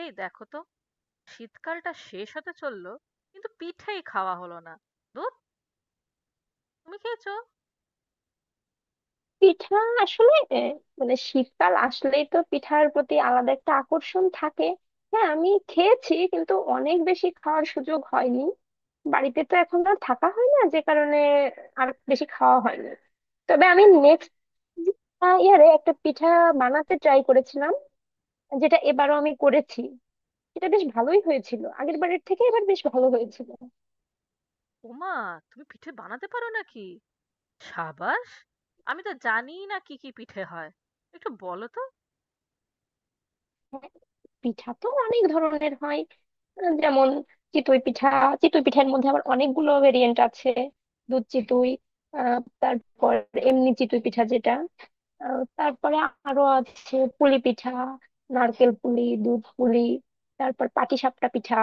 এই দেখো তো। শীতকালটা শেষ হতে চললো, কিন্তু পিঠেই খাওয়া হলো না। ধুর! তুমি খেয়েছো? পিঠা আসলে মানে শীতকাল আসলেই তো পিঠার প্রতি আলাদা একটা আকর্ষণ থাকে। হ্যাঁ, আমি খেয়েছি, কিন্তু অনেক বেশি খাওয়ার সুযোগ হয়নি। বাড়িতে তো এখন আর থাকা হয় না, যে কারণে আর বেশি খাওয়া হয়নি। তবে আমি নেক্সট ইয়ারে একটা পিঠা বানাতে ট্রাই করেছিলাম, যেটা এবারও আমি করেছি। এটা বেশ ভালোই হয়েছিল, আগের বারের থেকে এবার বেশ ভালো হয়েছিল। ওমা, তুমি পিঠে বানাতে পারো নাকি? সাবাস! আমি তো জানিই না কি কি পিঠে হয়, একটু বলো তো। হ্যাঁ, পিঠা তো অনেক ধরনের হয়। যেমন চিতই পিঠা। চিতই পিঠার মধ্যে আবার অনেকগুলো ভেরিয়েন্ট আছে। দুধ চিতই, তারপর এমনি চিতই পিঠা, যেটা তারপরে আরো আছে পুলি পিঠা, নারকেল পুলি, দুধ পুলি, তারপর পাটিসাপটা পিঠা,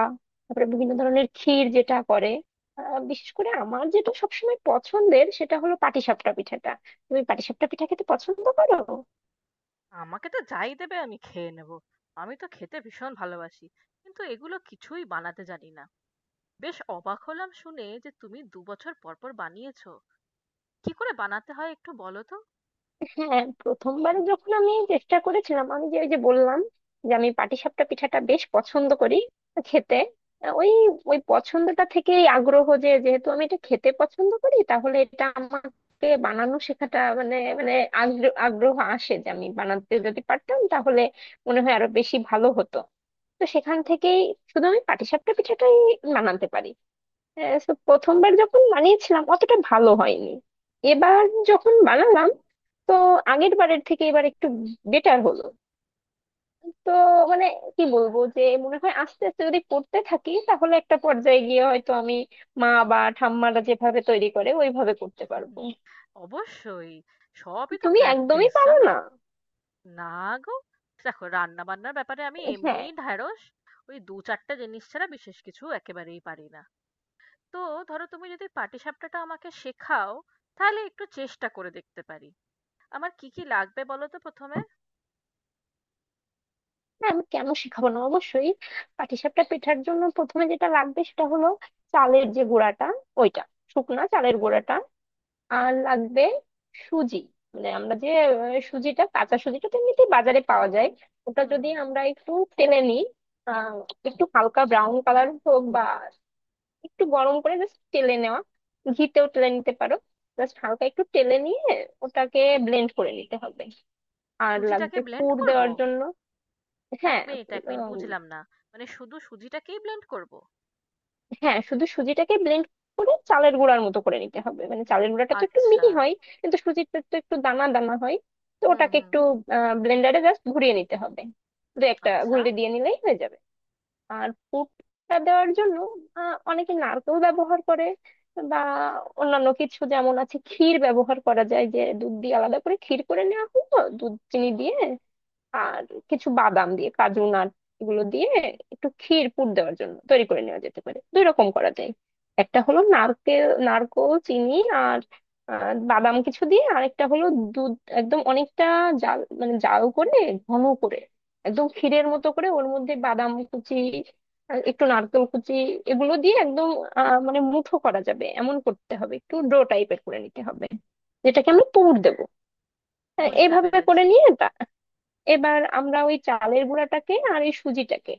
তারপরে বিভিন্ন ধরনের ক্ষীর, যেটা করে। বিশেষ করে আমার যেটা সবসময় পছন্দের, সেটা হলো পাটিসাপটা পিঠাটা। তুমি পাটিসাপটা পিঠা খেতে পছন্দ করো? আমাকে তো যাই দেবে, আমি খেয়ে নেবো। আমি তো খেতে ভীষণ ভালোবাসি, কিন্তু এগুলো কিছুই বানাতে জানি না। বেশ অবাক হলাম শুনে যে তুমি দু বছর পর পর বানিয়েছো। কি করে বানাতে হয় একটু বলো তো। হ্যাঁ, প্রথমবারে যখন আমি চেষ্টা করেছিলাম, আমি যে ওই যে বললাম যে আমি পাটিসাপটা পিঠাটা বেশ পছন্দ করি খেতে। আহ, ওই ওই পছন্দটা থেকেই আগ্রহ, যে যেহেতু আমি এটা খেতে পছন্দ করি, তাহলে এটা আমাকে বানানো শেখাটা মানে মানে আগ্রহ আসে, যে আমি বানাতে যদি পারতাম তাহলে মনে হয় আরো বেশি ভালো হতো। তো সেখান থেকেই শুধু আমি পাটিসাপটা পিঠাটাই বানাতে পারি। So প্রথমবার যখন বানিয়েছিলাম, অতটা ভালো হয়নি। এবার যখন বানালাম, তো আগের বারের থেকে এবার একটু বেটার হলো। তো মানে, কি বলবো, যে মনে হয় আস্তে আস্তে যদি করতে থাকি, তাহলে একটা পর্যায়ে গিয়ে হয়তো আমি মা বা ঠাম্মারা যেভাবে তৈরি করে ওইভাবে করতে পারবো। অবশ্যই। সবই তো তুমি একদমই প্র্যাকটিস, পারো জানো। না? না গো, দেখো রান্না বান্নার ব্যাপারে আমি হ্যাঁ, এমনিই ঢ্যাঁড়স। ওই দু চারটে জিনিস ছাড়া বিশেষ কিছু একেবারেই পারি না। তো ধরো, তুমি যদি পাটিসাপটাটা আমাকে শেখাও, তাহলে একটু চেষ্টা করে দেখতে পারি। আমার কি কি লাগবে বলো তো প্রথমে। হ্যাঁ, আমি কেন শেখাবো না, অবশ্যই। পাটিসাপটা পেঠার জন্য প্রথমে যেটা লাগবে সেটা হলো চালের যে গুঁড়াটা, ওইটা, শুকনা চালের গুঁড়াটা। আর লাগবে সুজি। মানে আমরা যে সুজিটা, কাঁচা সুজিটা তো এমনিতেই বাজারে পাওয়া যায়। ওটা হুম, যদি হুম। আমরা একটু তেলে নিই, আহ, একটু হালকা ব্রাউন কালার হোক বা একটু গরম করে জাস্ট তেলে নেওয়া, ঘিতেও তেলে নিতে পারো। জাস্ট হালকা একটু তেলে নিয়ে ওটাকে ব্লেন্ড করে নিতে হবে। আর সুজিটাকে লাগবে ব্লেন্ড পুর করব? দেওয়ার জন্য। এক হ্যাঁ, মিনিট, এক মিনিট, বুঝলাম না। মানে শুধু সুজিটাকেই ব্লেন্ড করব? হ্যাঁ, শুধু সুজিটাকে ব্লেন্ড করে চালের গুঁড়ার মতো করে নিতে হবে। মানে চালের গুঁড়াটা তো একটু আচ্ছা। মিহি হয়, কিন্তু সুজিটা তো একটু দানা দানা হয়। তো হুম, ওটাকে হুম। একটু ব্লেন্ডারে জাস্ট ঘুরিয়ে নিতে হবে, দু একটা আচ্ছা, ঘুরিয়ে দিয়ে নিলেই হয়ে যাবে। আর পুরটা দেওয়ার জন্য অনেকে নারকেল ব্যবহার করে, বা অন্যান্য কিছু, যেমন আছে ক্ষীর ব্যবহার করা যায়। যে দুধ দিয়ে আলাদা করে ক্ষীর করে নেওয়া হলো, দুধ চিনি দিয়ে, আর কিছু বাদাম দিয়ে, কাজু নাট, এগুলো দিয়ে একটু ক্ষীর পুর দেওয়ার জন্য তৈরি করে নেওয়া যেতে পারে। দুই রকম করা যায়। একটা হলো নারকেল, নারকোল, চিনি আর বাদাম কিছু দিয়ে। আরেকটা হলো দুধ একদম অনেকটা জাল, মানে জাল করে ঘন করে, একদম ক্ষীরের মতো করে, ওর মধ্যে বাদাম কুচি আর একটু নারকেল কুচি, এগুলো দিয়ে একদম মানে মুঠো করা যাবে এমন করতে হবে, একটু ডো টাইপের করে নিতে হবে, যেটাকে আমি পুর দেবো। হ্যাঁ, বুঝতে এইভাবে করে পেরেছি। নিয়ে এবার আমরা ওই চালের গুঁড়াটাকে আর এই সুজিটাকে,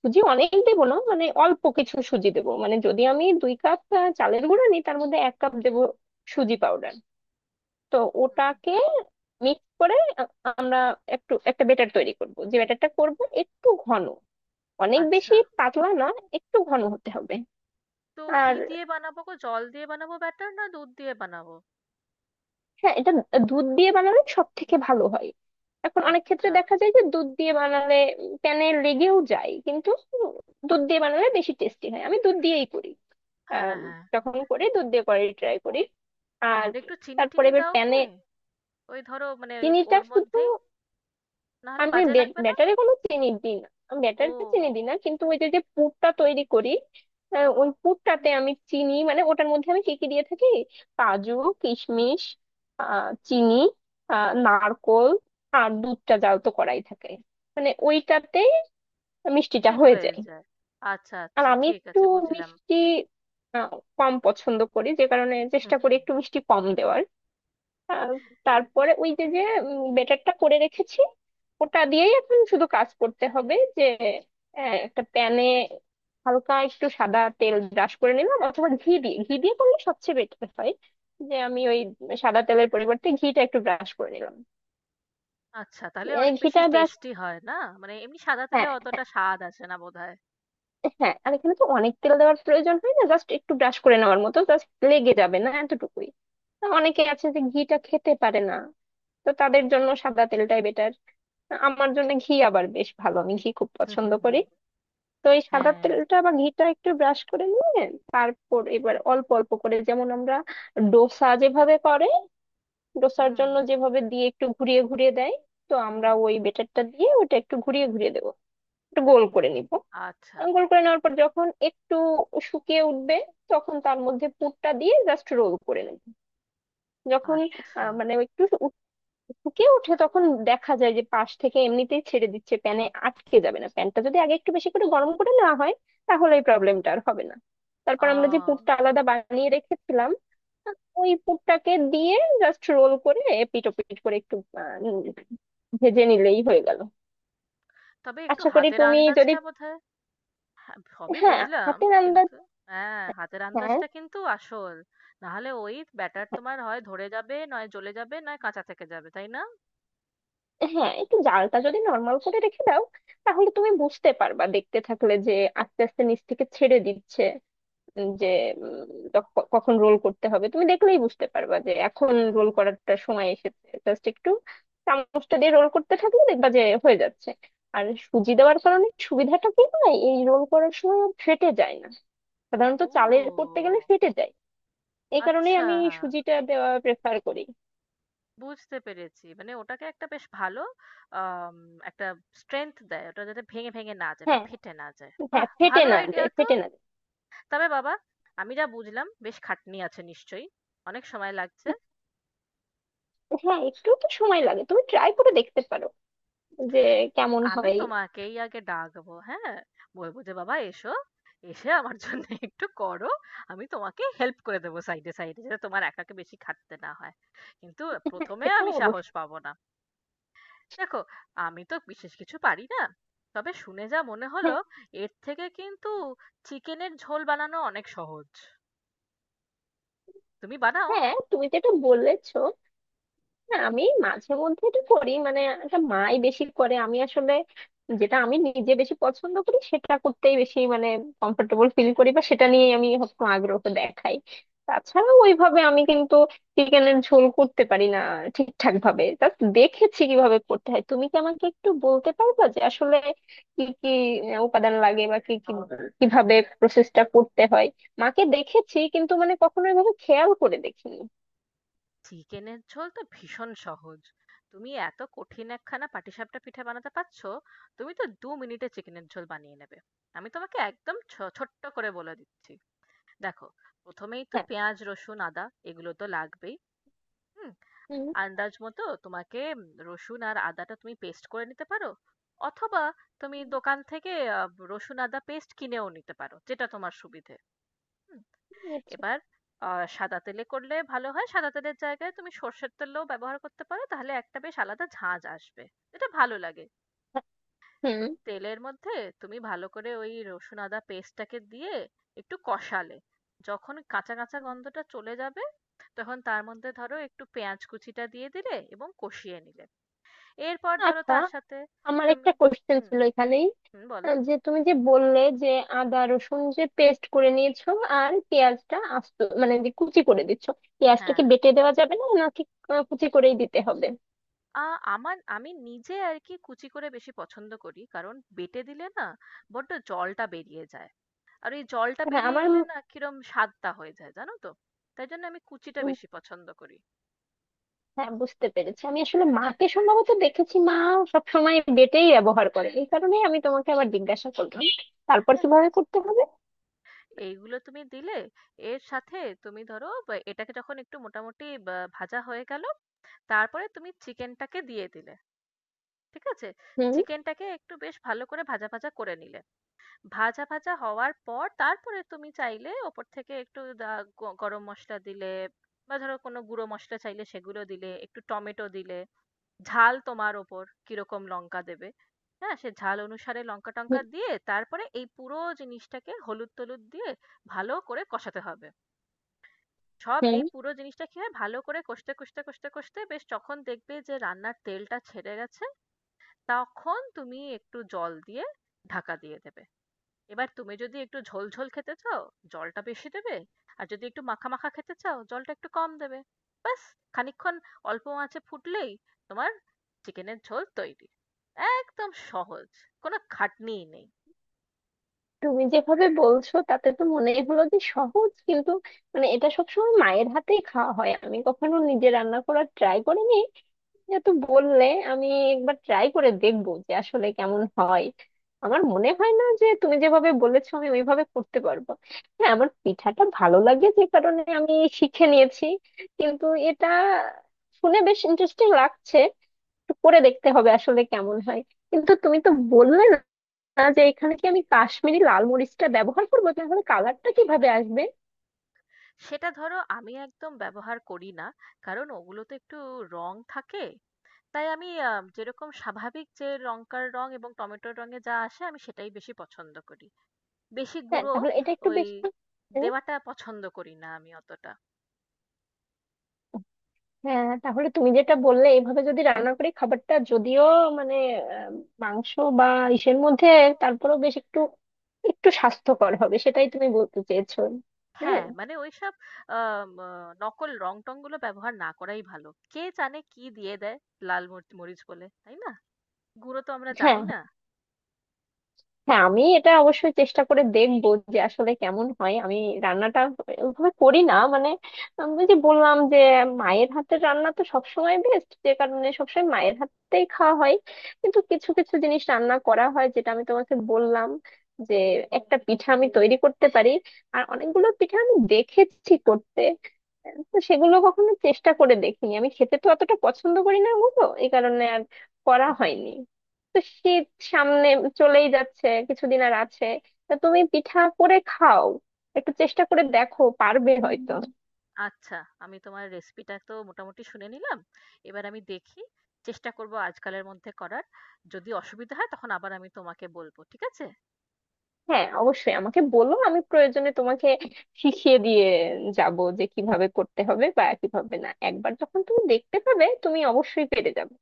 সুজি অনেক দেবো না, মানে অল্প কিছু সুজি দেবো, মানে যদি আমি দুই কাপ চালের গুঁড়া নিই, তার মধ্যে এক কাপ দেবো সুজি পাউডার। তো হুম। ওটাকে মিক্স করে আ- আমরা একটু একটা বেটার তৈরি করব। যে ব্যাটারটা করব একটু ঘন, অনেক আচ্ছা। বেশি পাতলা না, একটু ঘন হতে হবে। তো কি আর দিয়ে বানাবো গো? জল দিয়ে বানাবো ব্যাটার, না দুধ দিয়ে বানাবো? হ্যাঁ, এটা দুধ দিয়ে বানালে সব থেকে ভালো হয়। এখন অনেক ক্ষেত্রে আচ্ছা। দেখা যায় যে দুধ দিয়ে বানালে প্যানে লেগেও যায় কিন্তু, উম, দুধ দিয়ে বানালে বেশি টেস্টি হয়, আমি দুধ দিয়েই করি। হ্যাঁ, আম, হ্যাঁ। যখন করি, দুধ দিয়ে করার ট্রাই করি। আর আর একটু তারপরে চিনি-টিনি এবার দাও প্যানে কি? ওই ধরো মানে ওই চিনিটা ওর শুধু, মধ্যেই? নাহলে আমি বাজে লাগবে না? ব্যাটারে কোনো চিনি দিই না, আমি ব্যাটারে চিনি ও, দিই না, কিন্তু ওই যে যে পুরটা তৈরি করি ওই পুরটাতে আমি চিনি, মানে ওটার মধ্যে আমি কি কি দিয়ে থাকি — কাজু, কিশমিশ, চিনি, নারকোল। আর দুধটা জাল তো করাই থাকে, মানে ওইটাতে মিষ্টিটা এ হয়ে হয়ে যায়। যায়। আচ্ছা, আর আচ্ছা, আমি ঠিক একটু আছে, বুঝলাম। মিষ্টি আহ, কম পছন্দ করি, যে কারণে চেষ্টা করি একটু মিষ্টি কম দেওয়ার। আহ, তারপরে ওই যে যে বেটারটা করে রেখেছি, ওটা দিয়েই এখন শুধু কাজ করতে হবে। যে একটা প্যানে হালকা একটু সাদা তেল ব্রাশ করে নিলাম, অথবা ঘি দিয়ে, ঘি দিয়ে করলে সবচেয়ে বেটার হয়। যে আমি ওই সাদা তেলের পরিবর্তে ঘিটা একটু ব্রাশ করে নিলাম। আচ্ছা, তাহলে অনেক বেশি ঘিটা ব্রাশ। টেস্টি হয় না? মানে এমনি সাদা তেলে হ্যাঁ, হ্যাঁ, অতটা স্বাদ আসে না বোধহয়। হ্যাঁ, আর এখানে তো অনেক তেল দেওয়ার প্রয়োজন হয় না, জাস্ট একটু ব্রাশ করে নেওয়ার মতো, জাস্ট লেগে যাবে না, এতটুকুই। তা অনেকে আছে যে ঘিটা খেতে পারে না, তো তাদের জন্য সাদা তেলটাই বেটার। আমার জন্য ঘি আবার বেশ ভালো, আমি ঘি খুব পছন্দ করি। তো এই সাদা হ্যাঁ। তেলটা বা ঘিটা একটু ব্রাশ করে নিয়ে তারপর এবার অল্প অল্প করে, যেমন আমরা ডোসা যেভাবে করে, ডোসার হুম, জন্য যেভাবে দিয়ে একটু ঘুরিয়ে ঘুরিয়ে দেয়, তো আমরা হুম। ওই বেটারটা দিয়ে ওটা একটু ঘুরিয়ে ঘুরিয়ে দেবো, একটু গোল করে নিব। আচ্ছা, গোল আচ্ছা। করে নেওয়ার পর যখন একটু শুকিয়ে উঠবে, তখন তার মধ্যে পুরটা দিয়ে জাস্ট রোল করে নেব। যখন আচ্ছা। মানে একটু ফুঁকে উঠে, তখন দেখা যায় যে পাশ থেকে এমনিতেই ছেড়ে দিচ্ছে, প্যানে আটকে যাবে না। প্যানটা যদি আগে একটু বেশি করে গরম করে নেওয়া হয়, তাহলে এই হুম। প্রবলেমটা আর হবে না। আ তারপর আমরা যে পুরটা আলাদা বানিয়ে রেখেছিলাম, ওই পুরটাকে দিয়ে জাস্ট রোল করে এপিট ওপিট করে একটু আহ, উম, ভেজে নিলেই হয়ে গেল। তবে একটু আশা করি হাতের তুমি যদি… আন্দাজটা বোধহয়... আমি সবই হ্যাঁ, বুঝলাম, হাতের আন্দাজ। কিন্তু, হ্যাঁ, হাতের হ্যাঁ, আন্দাজটা কিন্তু আসল। নাহলে ওই ব্যাটার তোমার হয় ধরে যাবে, নয় জ্বলে যাবে, নয় কাঁচা থেকে যাবে, তাই না? হ্যাঁ, একটু জালটা যদি নর্মাল করে রেখে দাও, তাহলে তুমি বুঝতে পারবা দেখতে থাকলে, যে আস্তে আস্তে নিচ থেকে ছেড়ে দিচ্ছে। যে উম, কখন রোল করতে হবে, তুমি দেখলেই বুঝতে পারবা, যে এখন রোল হুম। করারটা সময় এসেছে। জাস্ট একটু চামচটা দিয়ে রোল করতে থাকলে দেখবা যে হয়ে যাচ্ছে। আর সুজি দেওয়ার কারণে সুবিধাটা কি হয়, এই রোল করার সময় আর ফেটে যায় না, সাধারণত চালের ও, করতে গেলে ফেটে যায়। এই কারণেই আচ্ছা, আমি সুজিটা দেওয়া প্রেফার করি। বুঝতে পেরেছি, মানে ওটাকে একটা বেশ ভালো আম, একটা স্ট্রেংথ দেয়, ওটা যাতে ভেঙে ভেঙে না যায় বা হ্যাঁ, ফেটে না যায়। হ্যাঁ, বাহ, ফেটে ভালো না আইডিয়া যায়, তো। ফেটে না যায়। তবে বাবা, আমি যা বুঝলাম বেশ খাটনি আছে নিশ্চয়ই, অনেক সময় লাগছে। হ্যাঁ, একটু তো সময় লাগে, তুমি ট্রাই করে দেখতে পারো যে কেমন আমি হয়। তোমাকেই আগে ডাকবো, হ্যাঁ। বলবো যে বাবা এসো, এসে আমার জন্য একটু করো। আমি তোমাকে হেল্প করে দেবো সাইডে সাইডে, যাতে তোমার একাকে বেশি খাটতে না হয়। কিন্তু হ্যাঁ, প্রথমে সেটা আমি সাহস অবশ্যই। পাবো না। দেখো, আমি তো বিশেষ কিছু পারি না। তবে শুনে যা মনে হলো, হ্যাঁ, এর থেকে কিন্তু চিকেনের ঝোল বানানো অনেক সহজ। তুমি বানাও। হ্যাঁ, তুমি যেটা বলেছো, না, আমি মাঝে মধ্যে এটা করি, মানে এটা মাই বেশি করে, আমি আসলে যেটা আমি নিজে বেশি পছন্দ করি সেটা করতেই বেশি, মানে কমফোর্টেবল ফিল করি, বা সেটা নিয়ে আমি হয়তো আগ্রহ দেখাই। তাছাড়া ওইভাবে আমি কিন্তু চিকেনের ঝোল করতে পারি না ঠিকঠাক ভাবে, জাস্ট দেখেছি কিভাবে করতে হয়। তুমি কি আমাকে একটু বলতে পারবা, যে আসলে কি কি উপাদান লাগে, বা কি কি, কিভাবে প্রসেসটা করতে হয়? মাকে দেখেছি, কিন্তু মানে কখনো এভাবে খেয়াল করে দেখিনি। চিকেনের ঝোল তো ভীষণ সহজ। তুমি এত কঠিন একখানা পাটিসাপটা পিঠে বানাতে পারছো, তুমি তো দু মিনিটে চিকেনের ঝোল বানিয়ে নেবে। আমি তোমাকে একদম ছোট্ট করে বলে দিচ্ছি। দেখো, প্রথমেই তো হ্যাঁ। পেঁয়াজ, রসুন, আদা এগুলো তো লাগবেই। হুম। হুম। আন্দাজ মতো তোমাকে, রসুন আর আদাটা তুমি পেস্ট করে নিতে পারো। অথবা তুমি দোকান থেকে রসুন আদা পেস্ট কিনেও নিতে পারো, যেটা তোমার সুবিধে। হুম। হুম, এবার সাদা তেলে করলে ভালো হয়। সাদা তেলের জায়গায় তুমি সর্ষের তেলও ব্যবহার করতে পারো, তাহলে একটা বেশ আলাদা ঝাঁঝ আসবে। এটা ভালো লাগে। হুম। তো তেলের মধ্যে তুমি ভালো করে ওই রসুন আদা পেস্টটাকে দিয়ে একটু কষালে, যখন কাঁচা কাঁচা গন্ধটা চলে যাবে, তখন তার মধ্যে ধরো একটু পেঁয়াজ কুচিটা দিয়ে দিলে এবং কষিয়ে নিলে। এরপর ধরো আচ্ছা, তার সাথে আমার তুমি... একটা কোশ্চেন হুম, ছিল এখানেই। হুম, বলো। যে তুমি যে বললে, যে আদা রসুন যে পেস্ট করে নিয়েছো, আর পেঁয়াজটা আস্ত, মানে যে কুচি করে দিচ্ছ, হ্যাঁ, পেঁয়াজটাকে বেটে দেওয়া যাবে না নাকি? কুচি করেই দিতে হবে? আ আমি নিজে আরকি কুচি করে বেশি পছন্দ করি। কারণ বেটে দিলে না, বড্ড জলটা বেরিয়ে যায়। আর ওই জলটা হ্যাঁ, বেরিয়ে আমার গেলে না, কিরম স্বাদটা হয়ে যায় জানো তো? তাই জন্য আমি কুচিটা উম, বেশি পছন্দ করি। হ্যাঁ, বুঝতে পেরেছি। আমি আসলে মাকে সম্ভবত দেখেছি, মা সবসময় বেটেই ব্যবহার করে, এই কারণে আমি তোমাকে আবার জিজ্ঞাসা করলাম। তারপর হ্যাঁ? কিভাবে করতে হবে? এইগুলো তুমি দিলে, এর সাথে তুমি ধরো বা এটাকে যখন একটু মোটামুটি বা ভাজা হয়ে গেল, তারপরে তুমি চিকেনটাকে দিয়ে দিলে। ঠিক আছে? হুম। চিকেনটাকে একটু বেশ ভালো করে ভাজা ভাজা করে নিলে। ভাজা ভাজা হওয়ার পর তারপরে তুমি চাইলে ওপর থেকে একটু গরম মশলা দিলে, বা ধরো কোনো গুঁড়ো মশলা চাইলে সেগুলো দিলে, একটু টমেটো দিলে। ঝাল তোমার ওপর, কিরকম লঙ্কা দেবে। হ্যাঁ, সে ঝাল অনুসারে লঙ্কা টঙ্কা হুম। দিয়ে, তারপরে এই পুরো জিনিসটাকে হলুদ টলুদ দিয়ে ভালো করে কষাতে হবে। সব হুম। এই পুরো জিনিসটা কি হয়, ভালো করে কষতে কষতে কষতে কষতে, বেশ যখন দেখবে যে রান্নার তেলটা ছেড়ে গেছে, তখন তুমি একটু জল দিয়ে ঢাকা দিয়ে দেবে। এবার তুমি যদি একটু ঝোল ঝোল খেতে চাও, জলটা বেশি দেবে, আর যদি একটু মাখা মাখা খেতে চাও, জলটা একটু কম দেবে। ব্যাস, খানিকক্ষণ অল্প আঁচে ফুটলেই তোমার চিকেনের ঝোল তৈরি। একদম সহজ, কোনো খাটনিই নেই। তুমি যেভাবে বলছো তাতে তো মনেই হলো যে সহজ, কিন্তু মানে এটা সবসময় মায়ের হাতেই খাওয়া হয়, আমি কখনো নিজে রান্না করার ট্রাই করিনি। যেহেতু বললে, আমি একবার ট্রাই করে দেখবো যে আসলে কেমন হয়। আমার মনে হয় না যে তুমি যেভাবে বলেছো আমি ওইভাবে করতে পারবো। হ্যাঁ, আমার পিঠাটা ভালো লাগে যে কারণে আমি শিখে নিয়েছি, কিন্তু এটা শুনে বেশ ইন্টারেস্টিং লাগছে। একটু করে দেখতে হবে আসলে কেমন হয়। কিন্তু তুমি তো বললে না, যে এখানে কি আমি কাশ্মীরি লাল মরিচটা ব্যবহার করবো, তাহলে কালারটা কিভাবে আসবে? সেটা ধরো আমি একদম ব্যবহার করি না, কারণ ওগুলোতে একটু রং থাকে। তাই আমি, যেরকম স্বাভাবিক, যে লঙ্কার রং এবং টমেটোর রঙে যা আসে, আমি সেটাই বেশি পছন্দ করি। বেশি হ্যাঁ, গুঁড়ো, তাহলে এটা একটু ওই বেশি উম, দেওয়াটা পছন্দ করি না আমি অতটা। হ্যাঁ, তাহলে তুমি যেটা বললে, এভাবে যদি রান্না করি, খাবারটা যদিও মানে আহ, মাংস বা ইসের মধ্যে, তারপরেও বেশ একটু, একটু স্বাস্থ্যকর হবে, সেটাই তুমি বলতে চেয়েছো? হ্যাঁ। হ্যাঁ, মানে ঐসব আম আ নকল রং-টং গুলো ব্যবহার না করাই ভালো। কে জানে কি দিয়ে দেয়, লাল মরিচ বলে, তাই না? গুঁড়ো তো আমরা হ্যাঁ, জানি না। হ্যাঁ, আমি এটা অবশ্যই চেষ্টা করে দেখবো যে আসলে কেমন হয়। আমি রান্নাটা ওইভাবে করি না, মানে আমি যে বললাম যে মায়ের হাতের রান্না তো সবসময় বেস্ট, যে কারণে সবসময় মায়ের হাতেই খাওয়া হয়। কিন্তু কিছু কিছু জিনিস রান্না করা হয়, যেটা আমি তোমাকে বললাম, যে একটা পিঠা আমি তৈরি করতে পারি। আর অনেকগুলো পিঠা আমি দেখেছি করতে, তো সেগুলো কখনো চেষ্টা করে দেখিনি, আমি খেতে তো অতটা পছন্দ করি না ওগুলো, এই কারণে আর করা হয়নি। তো শীত সামনে চলেই যাচ্ছে, কিছুদিন আর আছে। তা তুমি পিঠা করে খাও, একটু চেষ্টা করে দেখো, পারবে হয়তো। আচ্ছা, আমি তোমার রেসিপিটা তো মোটামুটি শুনে নিলাম। এবার আমি দেখি, চেষ্টা করব আজকালের মধ্যে করার। যদি অসুবিধা হয় তখন আবার আমি তোমাকে বলব। ঠিক আছে? হ্যাঁ, অবশ্যই আমাকে বলো, আমি প্রয়োজনে তোমাকে শিখিয়ে দিয়ে যাব, যে কিভাবে করতে হবে বা কিভাবে না। একবার যখন তুমি দেখতে পাবে, তুমি অবশ্যই পেরে যাবে।